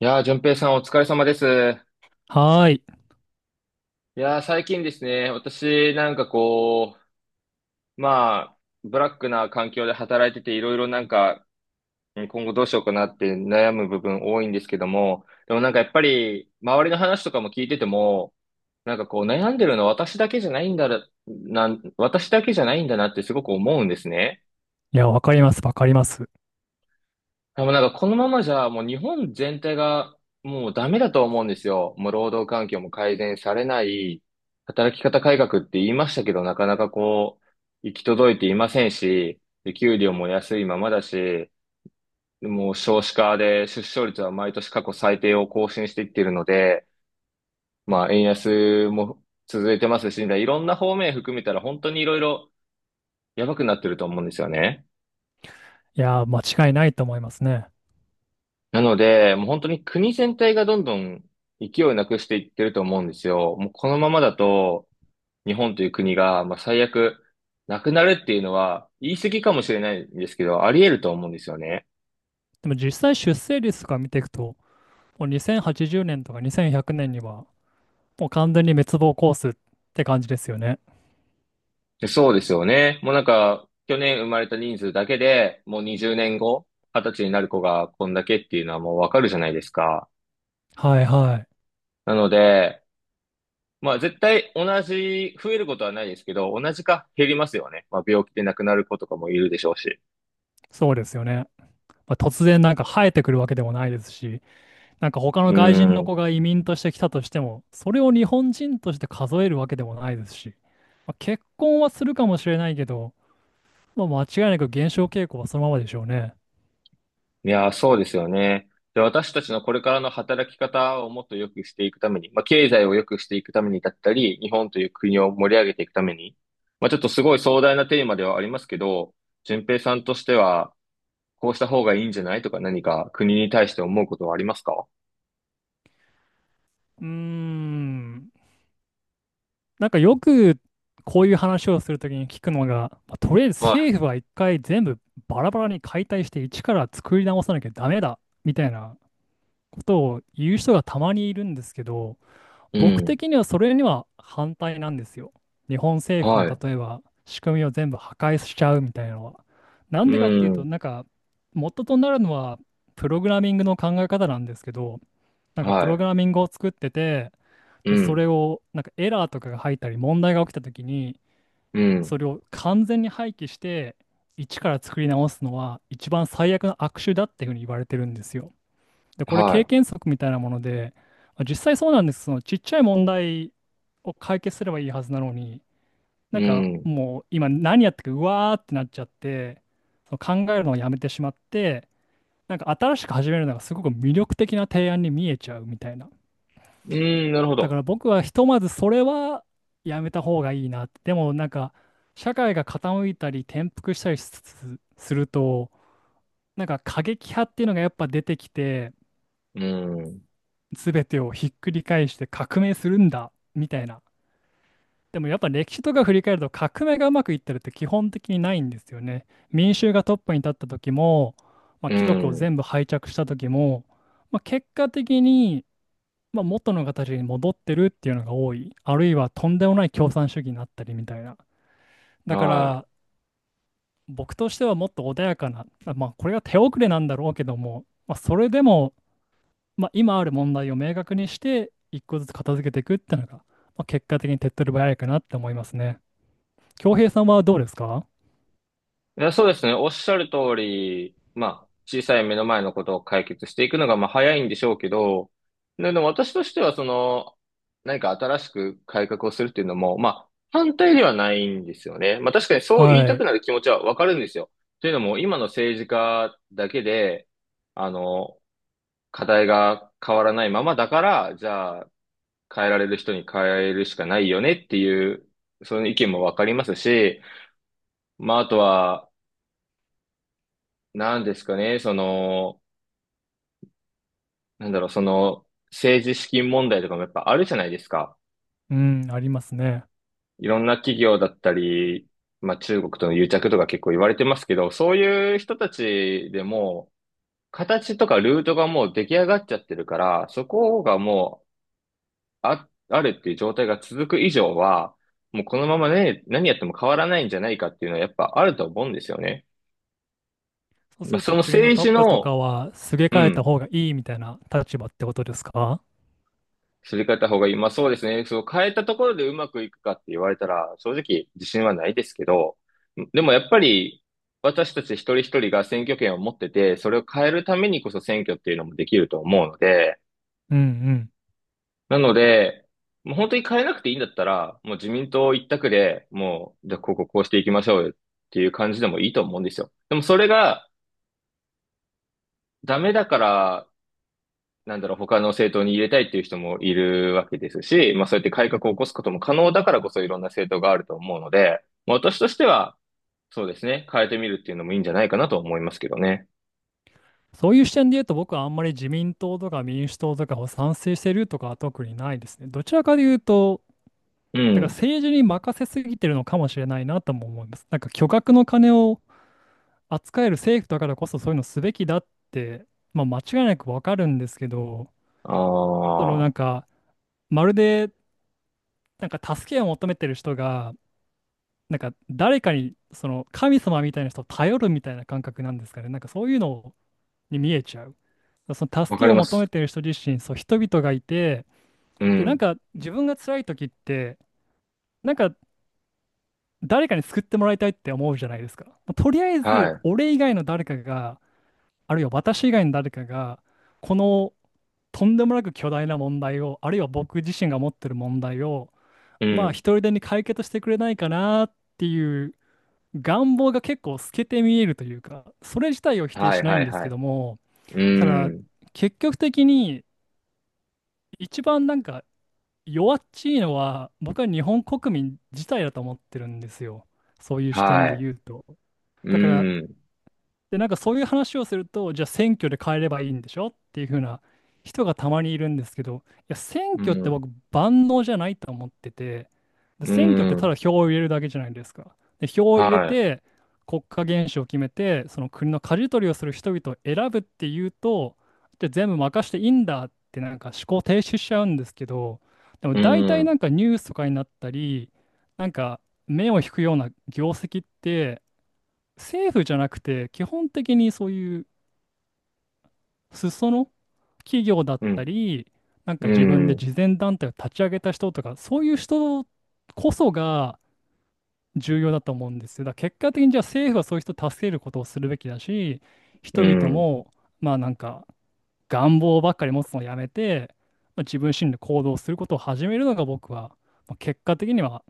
いやー、淳平さんお疲れ様です。いはーい。やー、最近ですね、私なんかう、まあ、ブラックな環境で働いてていろいろなんか、うん今後どうしようかなって悩む部分多いんですけども、でもなんかやっぱり、周りの話とかも聞いてても、なんかこう悩んでるの私だけじゃないんだな、私だけじゃないんだなってすごく思うんですね。いや、わかります、わかります。でもなんかこのままじゃもう日本全体がもうダメだと思うんですよ。もう労働環境も改善されない、働き方改革って言いましたけど、なかなかこう、行き届いていませんし、で給料も安いままだし、もう少子化で出生率は毎年過去最低を更新していっているので、まあ円安も続いてますし、いろんな方面含めたら本当にいろいろやばくなってると思うんですよね。いや、間違いないと思いますね。なので、もう本当に国全体がどんどん勢いをなくしていってると思うんですよ。もうこのままだと、日本という国が、まあ、最悪、なくなるっていうのは、言い過ぎかもしれないんですけど、あり得ると思うんですよね。でも実際出生率とか見ていくと、もう2080年とか2100年には、もう完全に滅亡コースって感じですよね。でそうですよね。もうなんか、去年生まれた人数だけで、もう20年後、20歳になる子がこんだけっていうのはもうわかるじゃないですか。はいはい。なので、まあ絶対同じ、増えることはないですけど、同じか減りますよね。まあ病気で亡くなる子とかもいるでしょうし。そうですよね。まあ、突然なんか生えてくるわけでもないですし、なんか他のう外人の子ん。が移民として来たとしても、それを日本人として数えるわけでもないですし、まあ、結婚はするかもしれないけど、まあ、間違いなく減少傾向はそのままでしょうね。いやー、そうですよね。で、私たちのこれからの働き方をもっと良くしていくために、まあ、経済を良くしていくためにだったり、日本という国を盛り上げていくために、まあ、ちょっとすごい壮大なテーマではありますけど、順平さんとしては、こうした方がいいんじゃないとか何か国に対して思うことはありますか？うーん。なんかよくこういう話をするときに聞くのが、まあとりあえずは政府は一回全部バラバラに解体して一から作り直さなきゃダメだみたいなことを言う人がたまにいるんですけど、い。う僕ん。的にはそれには反対なんですよ。日本政府のはい。例えば仕組みを全部破壊しちゃうみたいなのは。なうんでかっていうと、ん。なんか元となるのはプログラミングの考え方なんですけど、なんかプはログい。ラミングを作ってて、うで、そん。れを、なんかエラーとかが入ったり、問題が起きたときに、うそん。れを完全に廃棄して、一から作り直すのは、一番最悪の悪手だっていうふうに言われてるんですよ。で、これは経験則みたいなもので、まあ実際そうなんです。そのちっちゃい問題を解決すればいいはずなのに、ない。うんかん。もう今何やってるか、うわーってなっちゃって、その考えるのをやめてしまって、なんか新しく始めるのがすごく魅力的な提案に見えちゃうみたいな。うん。なるほだかど。ら僕はひとまずそれはやめた方がいいなって。でもなんか社会が傾いたり転覆したりするとなんか過激派っていうのがやっぱ出てきてうん。全てをひっくり返して革命するんだみたいな。でもやっぱ歴史とか振り返ると革命がうまくいってるって基本的にないんですよね。民衆がトップに立った時も、まあ、う貴族をん。全部廃着した時も、まあ、結果的にまあ、元の形に戻ってるっていうのが多い。あるいはとんでもない共産主義になったりみたいな。だかはい。ら、僕としてはもっと穏やかな、あまあ、これが手遅れなんだろうけども、まあ、それでも、まあ、今ある問題を明確にして、一個ずつ片付けていくっていうのが、まあ、結果的に手っ取り早いかなって思いますね。恭平さんはどうですか？いや、そうですね。おっしゃる通り、まあ、小さい目の前のことを解決していくのが、まあ、早いんでしょうけど、ででも私としては、その、何か新しく改革をするっていうのも、まあ、反対ではないんですよね。まあ、確かにそう言はいたくい。なる気持ちはわかるんですよ。というのも、今の政治家だけで、あの、課題が変わらないままだから、じゃあ、変えられる人に変えるしかないよねっていう、その意見もわかりますし、まあ、あとは、なんですかね、その、なんだろう、その、政治資金問題とかもやっぱあるじゃないですか。うん、ありますね。いろんな企業だったり、まあ中国との癒着とか結構言われてますけど、そういう人たちでも、形とかルートがもう出来上がっちゃってるから、そこがもう、あ、あるっていう状態が続く以上は、もうこのままね、何やっても変わらないんじゃないかっていうのはやっぱあると思うんですよね。そうすまあるそとの国の政トッ治プとかの、はすげう替えたん。方がいいみたいな立場ってことですか？すり替えた方がいい。まあそうですね。そう変えたところでうまくいくかって言われたら、正直自信はないですけど、でもやっぱり私たち一人一人が選挙権を持ってて、それを変えるためにこそ選挙っていうのもできると思うので、うんうん。なので、もう本当に変えなくていいんだったら、もう自民党一択で、もう、じゃあこここうしていきましょうよっていう感じでもいいと思うんですよ。でもそれがダメだからなんだろう、他の政党に入れたいっていう人もいるわけですし、まあそうやって改革を起こすことも可能だからこそいろんな政党があると思うので、まあ私としては、そうですね、変えてみるっていうのもいいんじゃないかなと思いますけどね。そういう視点で言うと、僕はあんまり自民党とか民主党とかを賛成してるとかは特にないですね。どちらかで言うと、うだからん。政治に任せすぎてるのかもしれないなとも思います。なんか巨額の金を扱える政府だからこそそういうのすべきだって、まあ、間違いなくわかるんですけど、あそのなんあ、か、まるでなんか助けを求めてる人が、なんか誰かにその神様みたいな人を頼るみたいな感覚なんですかね。なんかそういうのをに見えちゃう。そのわ助かけりをま求めす。てる人自身、そう、人々がいて、うで、なんん。か自分が辛い時って、なんか誰かに救ってもらいたいって思うじゃないですか。まあとりあえず、は俺以外の誰かが、あるいは私以外の誰かが、このとんでもなく巨大な問題を、あるいは僕自身が持ってる問題を、い。うまあ一ん。人でに解決してくれないかなっていう願望が結構透けて見えるというか、それ自体を否定はしいないはんいですはけい。ども、うただん。結局的に一番なんか弱っちいのは僕は日本国民自体だと思ってるんですよ。そういう視点はでい。言うと。だからうん。で、なんかそういう話をすると、じゃあ選挙で変えればいいんでしょっていう風な人がたまにいるんですけど、いや、選う挙ってん。僕、万能じゃないと思ってて、でう選挙ってただん。票を入れるだけじゃないですか。で、票を入れはて、国家元首を決めて、その国の舵取りをする人々を選ぶっていうと、じゃあ全部任していいんだって、なんか思考停止しちゃうんですけど、でもい。う大体なん。んかニュースとかになったり、なんか目を引くような業績って、政府じゃなくて、基本的にそういう裾野企業だっうたん。り、なんかう自分でん。慈善団体を立ち上げた人とか、そういう人こそが重要だと思うんですよ。だから結果的にじゃあ政府はそういう人を助けることをするべきだし、う人々ん。も、まあなんか願望ばっかり持つのをやめて、まあ、自分自身で行動することを始めるのが僕は、まあ、結果的には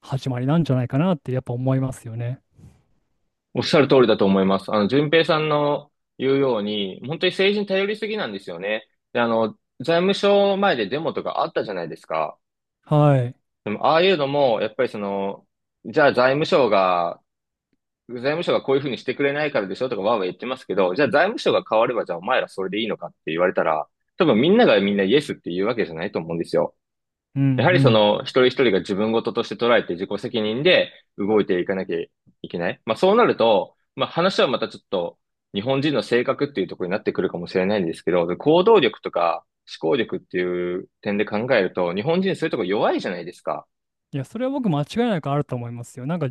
始まりなんじゃないかなってやっぱ思いますよね。おっしゃる通りだと思います。あの、順平さんの言うように、本当に政治に頼りすぎなんですよね。で、あの、財務省前でデモとかあったじゃないですか。はい。でも、ああいうのも、やっぱりその、じゃあ財務省がこういうふうにしてくれないからでしょとかわーわー言ってますけど、じゃあ財務省が変われば、じゃあお前らそれでいいのかって言われたら、多分みんながみんなイエスって言うわけじゃないと思うんですよ。うんうやはりそん。の一人一人が自分事として捉えて自己責任で動いていかなきゃいけない。まあそうなると、まあ話はまたちょっと日本人の性格っていうところになってくるかもしれないんですけど、で行動力とか思考力っていう点で考えると、日本人そういうところ弱いじゃないですか。いや、それは僕間違いなくあると思いますよ。なんか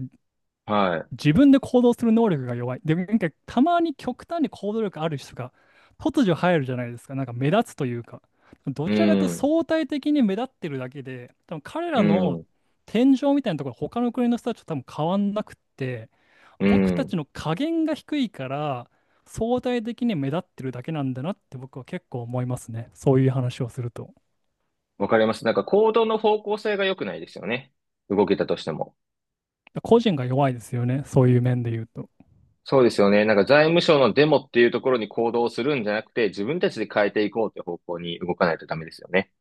は自分で行動する能力が弱い。で、なんかたまに極端に行動力ある人が突如入るじゃないですか。なんか目立つというか。どい。うちらかというとん、相対的に目立ってるだけで、多分彼うらのん、天井みたいなところ、他の国の人たちと多分変わんなくって、う僕たん。ちの加減が低いから相対的に目立ってるだけなんだなって僕は結構思いますね。そういう話をすると。わかります。なんか行動の方向性が良くないですよね。動けたとしても。個人が弱いですよね。そういう面で言うと。そうですよね。なんか財務省のデモっていうところに行動するんじゃなくて、自分たちで変えていこうって方向に動かないとダメですよね。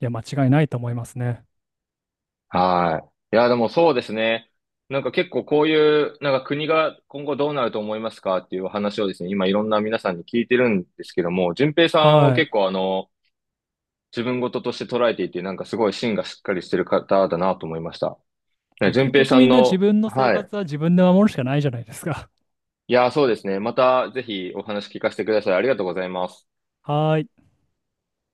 いや、間違いないと思いますね。はい。いや、でもそうですね。なんか結構こういう、なんか国が今後どうなると思いますかっていう話をですね、今いろんな皆さんに聞いてるんですけども、順平さんはは結い。構あの、自分事として捉えていて、なんかすごい芯がしっかりしてる方だなと思いました。でねも順結平局さみんんな自の、分の生はい。活は自分で守るしかないじゃないですか。いや、そうですね。またぜひお話聞かせてください。ありがとうございます。はい。